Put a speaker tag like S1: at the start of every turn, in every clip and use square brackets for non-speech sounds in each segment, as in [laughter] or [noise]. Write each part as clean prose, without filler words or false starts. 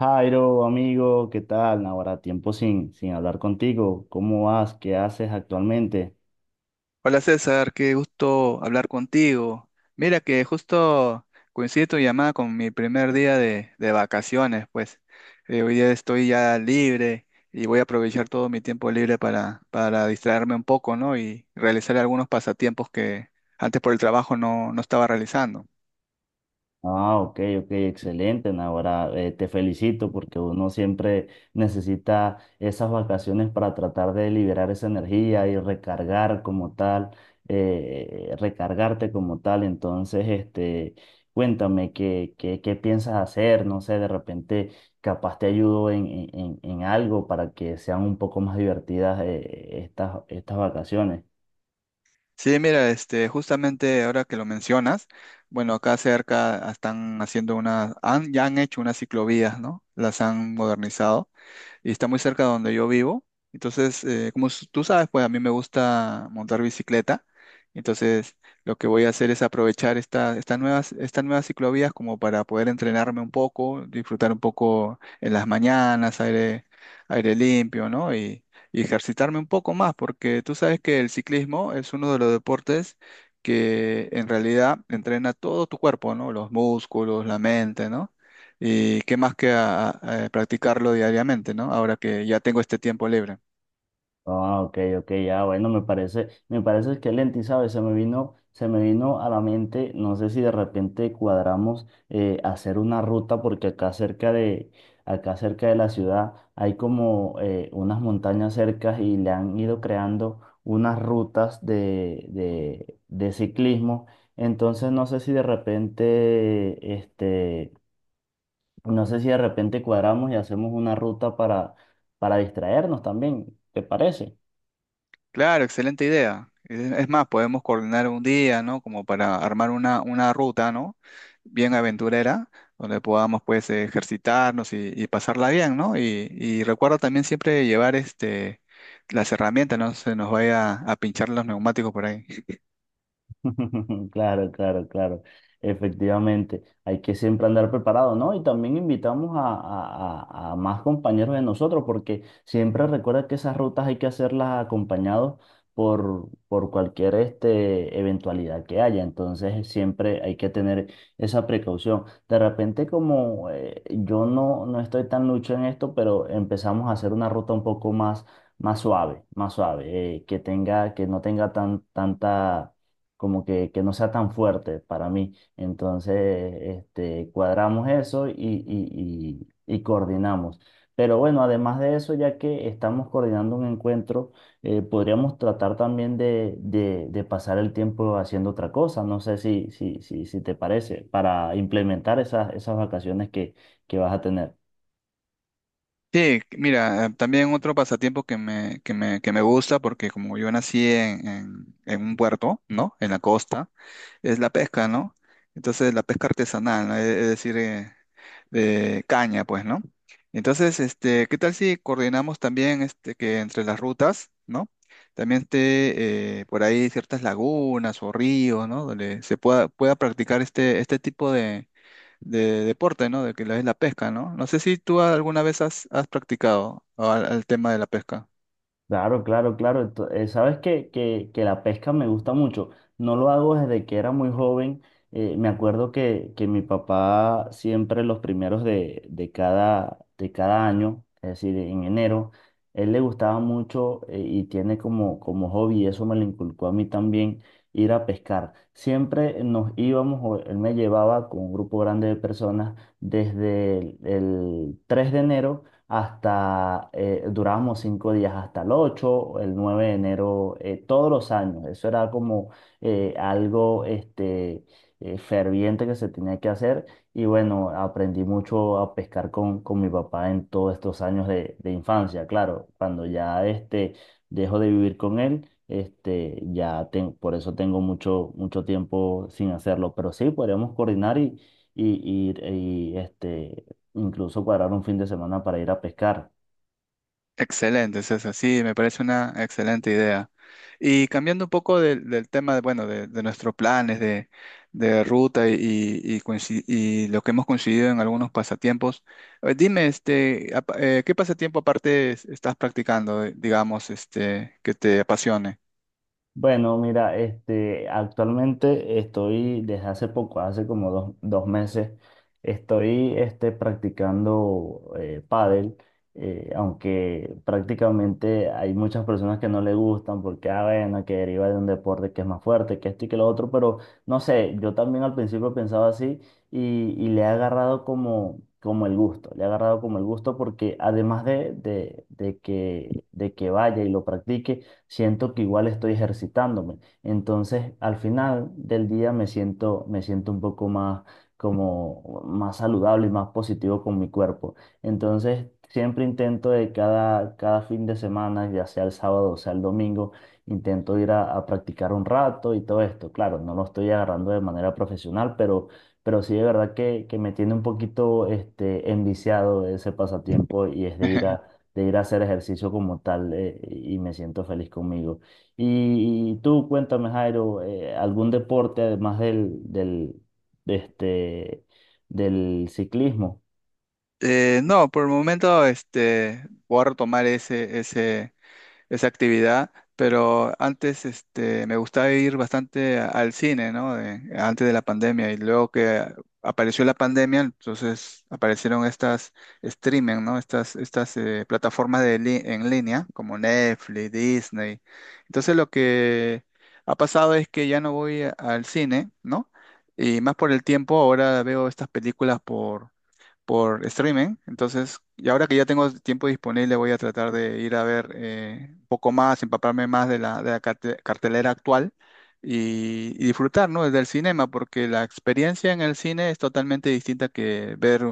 S1: Jairo, amigo, ¿qué tal? Ahora tiempo sin hablar contigo. ¿Cómo vas? ¿Qué haces actualmente?
S2: Hola César, qué gusto hablar contigo. Mira que justo coincide tu llamada con mi primer día de vacaciones, pues. Hoy día estoy ya libre y voy a aprovechar todo mi tiempo libre para distraerme un poco, ¿no? Y realizar algunos pasatiempos que antes por el trabajo no estaba realizando.
S1: Ah, ok, ok, excelente. Ahora te felicito porque uno siempre necesita esas vacaciones para tratar de liberar esa energía y recargar como tal, recargarte como tal. Entonces, cuéntame qué piensas hacer, no sé, de repente capaz te ayudo en algo para que sean un poco más divertidas, estas vacaciones.
S2: Sí, mira, este, justamente ahora que lo mencionas, bueno, acá cerca están haciendo una, han, ya han hecho unas ciclovías, ¿no? Las han modernizado y está muy cerca de donde yo vivo. Entonces, como tú sabes, pues a mí me gusta montar bicicleta. Entonces, lo que voy a hacer es aprovechar estas nuevas ciclovías como para poder entrenarme un poco, disfrutar un poco en las mañanas, aire, aire limpio, ¿no? Y ejercitarme un poco más, porque tú sabes que el ciclismo es uno de los deportes que en realidad entrena todo tu cuerpo, ¿no? Los músculos, la mente, ¿no? Y qué más que a practicarlo diariamente, ¿no? Ahora que ya tengo este tiempo libre.
S1: Ah, ok, ok, ya, bueno, me parece excelente, y sabes, se me vino a la mente, no sé si de repente cuadramos hacer una ruta, porque acá cerca de la ciudad hay como unas montañas cercas y le han ido creando unas rutas de ciclismo. Entonces no sé si de repente, no sé si de repente cuadramos y hacemos una para distraernos también, ¿te parece?
S2: Claro, excelente idea. Es más, podemos coordinar un día, ¿no? Como para armar una ruta, ¿no? Bien aventurera, donde podamos, pues, ejercitarnos y pasarla bien, ¿no? Y recuerda también siempre llevar, este, las herramientas, no se nos vaya a pinchar los neumáticos por ahí.
S1: [laughs] Claro, claro, claro. Efectivamente, hay que siempre andar preparado, ¿no? Y también invitamos a más compañeros de nosotros, porque siempre recuerda que esas rutas hay que hacerlas acompañados por cualquier eventualidad que haya. Entonces, siempre hay que tener esa precaución. De repente, como yo no estoy tan lucho en esto, pero empezamos a hacer una ruta un más suave, que tenga, que no tenga tanta como que no sea tan fuerte para mí. Entonces, cuadramos eso y coordinamos. Pero bueno, además de eso, ya que estamos coordinando un encuentro, podríamos tratar también de pasar el tiempo haciendo otra cosa. No sé si te parece, para implementar esas vacaciones que vas a tener.
S2: Sí, mira, también otro pasatiempo que me gusta, porque como yo nací en un puerto, ¿no? En la costa, es la pesca, ¿no? Entonces, la pesca artesanal, ¿no? Es decir, de caña, pues, ¿no? Entonces, este, ¿qué tal si coordinamos también este, que entre las rutas, ¿no? También esté por ahí ciertas lagunas o ríos, ¿no? Donde pueda practicar este, este tipo de deporte, ¿no? De que es la pesca, ¿no? No sé si tú alguna vez has practicado ah, al, al tema de la pesca.
S1: Claro, claro, claro. Sabes que la pesca me gusta mucho. No lo hago desde que era muy joven. Me acuerdo que mi papá siempre los primeros de cada año, es decir, en enero, él le gustaba mucho, y tiene como, como hobby, y eso me lo inculcó a mí también, ir a pescar. Siempre nos íbamos, o él me llevaba con un grupo grande de personas desde el 3 de enero hasta, durábamos cinco días hasta el 8 el 9 de enero, todos los años. Eso era como algo ferviente que se tenía que hacer. Y bueno, aprendí mucho a pescar con mi papá en todos estos años de infancia. Claro, cuando ya dejo de vivir con él, ya ten-, por eso tengo mucho tiempo sin hacerlo. Pero sí, podríamos coordinar y, y- y, este, incluso cuadrar un fin de semana para ir a pescar.
S2: Excelente, César. Sí, me parece una excelente idea. Y cambiando un poco del tema, de, bueno, de nuestros planes de ruta y, y lo que hemos coincidido en algunos pasatiempos, dime, este, ¿qué pasatiempo aparte estás practicando, digamos, este, que te apasione?
S1: Bueno, mira, actualmente estoy desde hace poco, hace como dos meses, estoy practicando pádel, aunque prácticamente hay muchas personas que no le gustan porque, ah, bueno, que deriva de un deporte que es más fuerte, que esto y que lo otro, pero no sé, yo también al principio pensaba así y le he agarrado como, como el gusto, le he agarrado como el gusto porque además de que vaya y lo practique, siento que igual estoy ejercitándome. Entonces, al final del día me siento un poco más como más saludable y más positivo con mi cuerpo. Entonces, siempre intento de cada fin de semana, ya sea el sábado o sea el domingo, intento ir a practicar un rato y todo esto. Claro, no lo estoy agarrando de manera profesional, pero sí de verdad que me tiene un poquito enviciado ese pasatiempo y es
S2: [laughs]
S1: de ir a hacer ejercicio como tal, y me siento feliz conmigo. Y tú cuéntame, Jairo, ¿algún deporte además de este, del ciclismo?
S2: No, por el momento, este, voy a retomar ese, ese esa actividad, pero antes este, me gustaba ir bastante al cine, ¿no? Antes de la pandemia y luego que apareció la pandemia, entonces aparecieron estas streaming, ¿no? Estas, estas plataformas de en línea como Netflix, Disney. Entonces lo que ha pasado es que ya no voy al cine, ¿no? Y más por el tiempo, ahora veo estas películas por streaming. Entonces, y ahora que ya tengo tiempo disponible, voy a tratar de ir a ver un poco más, empaparme más de la cartelera actual y disfrutar, ¿no? Desde el cinema, porque la experiencia en el cine es totalmente distinta que ver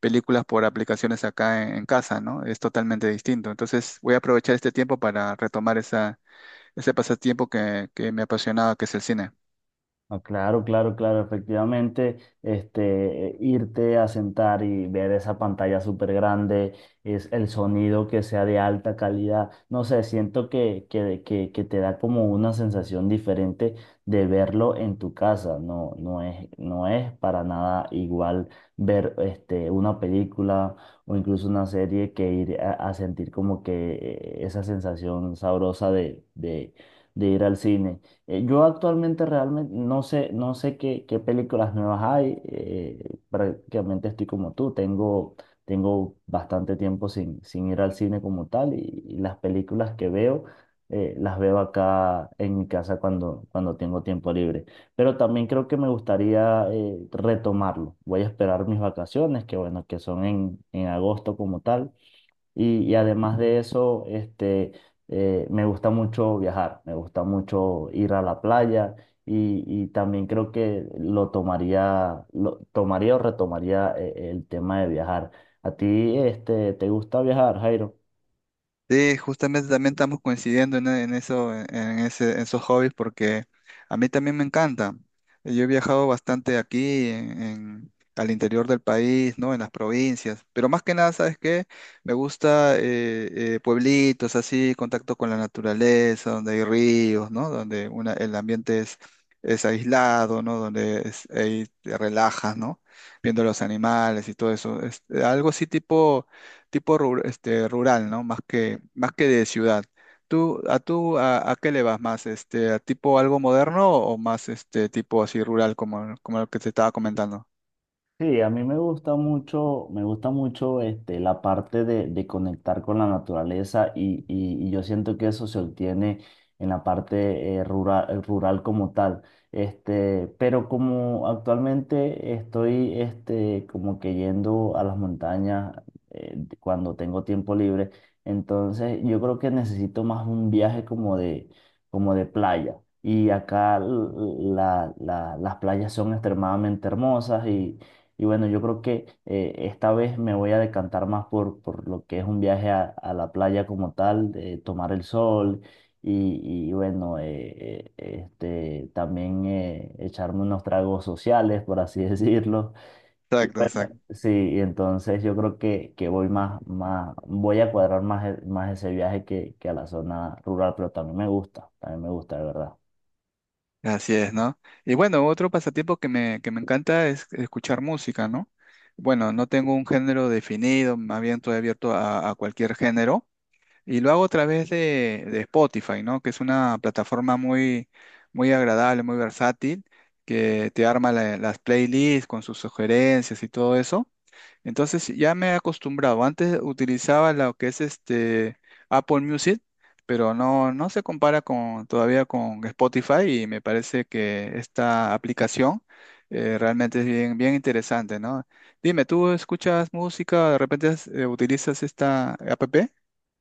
S2: películas por aplicaciones acá en casa, ¿no? Es totalmente distinto. Entonces, voy a aprovechar este tiempo para retomar esa, ese pasatiempo que me apasionaba, que es el cine.
S1: No, claro, claro, claro, efectivamente, irte a sentar y ver esa pantalla súper grande, es el sonido que sea de alta calidad, no sé, siento que te da como una sensación diferente de verlo en tu casa, no es, no es para nada igual ver una película o incluso una serie que ir a sentir como que esa sensación sabrosa de ir al cine. Yo actualmente realmente no sé, no sé qué películas nuevas hay. Prácticamente estoy como tú. Tengo bastante tiempo sin ir al cine como tal y las películas que veo, las veo acá en mi casa cuando tengo tiempo libre. Pero también creo que me gustaría, retomarlo. Voy a esperar mis vacaciones, que bueno, que son en agosto como tal y además de eso, me gusta mucho viajar, me gusta mucho ir a la playa y también creo que lo tomaría o retomaría, el tema de viajar. ¿A ti, te gusta viajar, Jairo?
S2: Sí, justamente también estamos coincidiendo en eso, en ese, en esos hobbies, porque a mí también me encanta. Yo he viajado bastante aquí, en, al interior del país, ¿no? En las provincias, pero más que nada, ¿sabes qué? Me gusta pueblitos así, contacto con la naturaleza, donde hay ríos, ¿no? Donde una, el ambiente es aislado, ¿no? Donde ahí te relajas, ¿no? Viendo los animales y todo eso. Es, algo así tipo tipo este, rural, ¿no? Más que de ciudad. ¿Tú, a tú, a qué le vas más? Este, ¿a tipo algo moderno o más este tipo así rural como, como lo que te estaba comentando?
S1: Sí, a mí me gusta mucho la parte de conectar con la naturaleza y yo siento que eso se obtiene en la parte, rural, rural como tal. Pero como actualmente estoy como que yendo a las montañas, cuando tengo tiempo libre, entonces yo creo que necesito más un viaje como de playa. Y acá las playas son extremadamente hermosas y bueno, yo creo que, esta vez me voy a decantar más por lo que es un viaje a la playa como tal, de tomar el sol y también, echarme unos tragos sociales, por así [laughs] decirlo. Y
S2: Exacto,
S1: bueno,
S2: exacto.
S1: sí, y entonces yo creo que voy voy a cuadrar más, más ese viaje que a la zona rural, pero también me gusta, de verdad.
S2: Así es, ¿no? Y bueno, otro pasatiempo que me encanta es escuchar música, ¿no? Bueno, no tengo un género definido, más bien estoy abierto a cualquier género. Y lo hago a través de Spotify, ¿no? Que es una plataforma muy, muy agradable, muy versátil, que te arma las playlists con sus sugerencias y todo eso. Entonces ya me he acostumbrado. Antes utilizaba lo que es este Apple Music, pero no, no se compara con, todavía con Spotify y me parece que esta aplicación realmente es bien, bien interesante, ¿no? Dime, ¿tú escuchas música? ¿De repente utilizas esta app?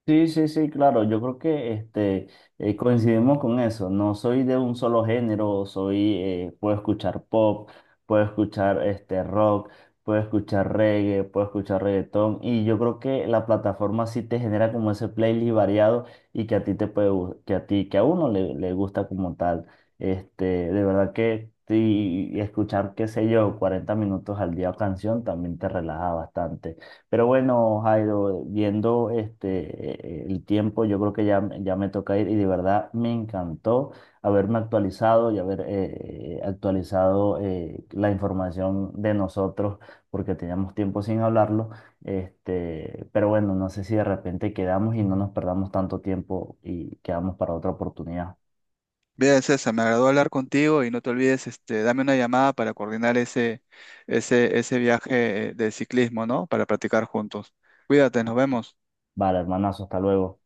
S1: Sí, sí, sí, claro. Yo creo que coincidimos con eso. No soy de un solo género, soy, puedo escuchar pop, puedo escuchar rock, puedo escuchar reggae, puedo escuchar reggaetón. Y yo creo que la plataforma sí te genera como ese playlist variado y que a ti te puede, gu-, que a ti, que a uno le, le gusta como tal. De verdad que sí, y escuchar, qué sé yo, 40 minutos al día canción también te relaja bastante. Pero bueno, Jairo, viendo el tiempo, yo creo que ya, ya me toca ir y de verdad me encantó haberme actualizado y haber, actualizado, la información de nosotros porque teníamos tiempo sin hablarlo. Pero bueno, no sé si de repente quedamos y no nos perdamos tanto tiempo y quedamos para otra oportunidad.
S2: Bien, César, me agradó hablar contigo y no te olvides, este, dame una llamada para coordinar ese, ese, ese viaje de ciclismo, ¿no? Para practicar juntos. Cuídate, nos vemos.
S1: Vale, hermanazo, hasta luego.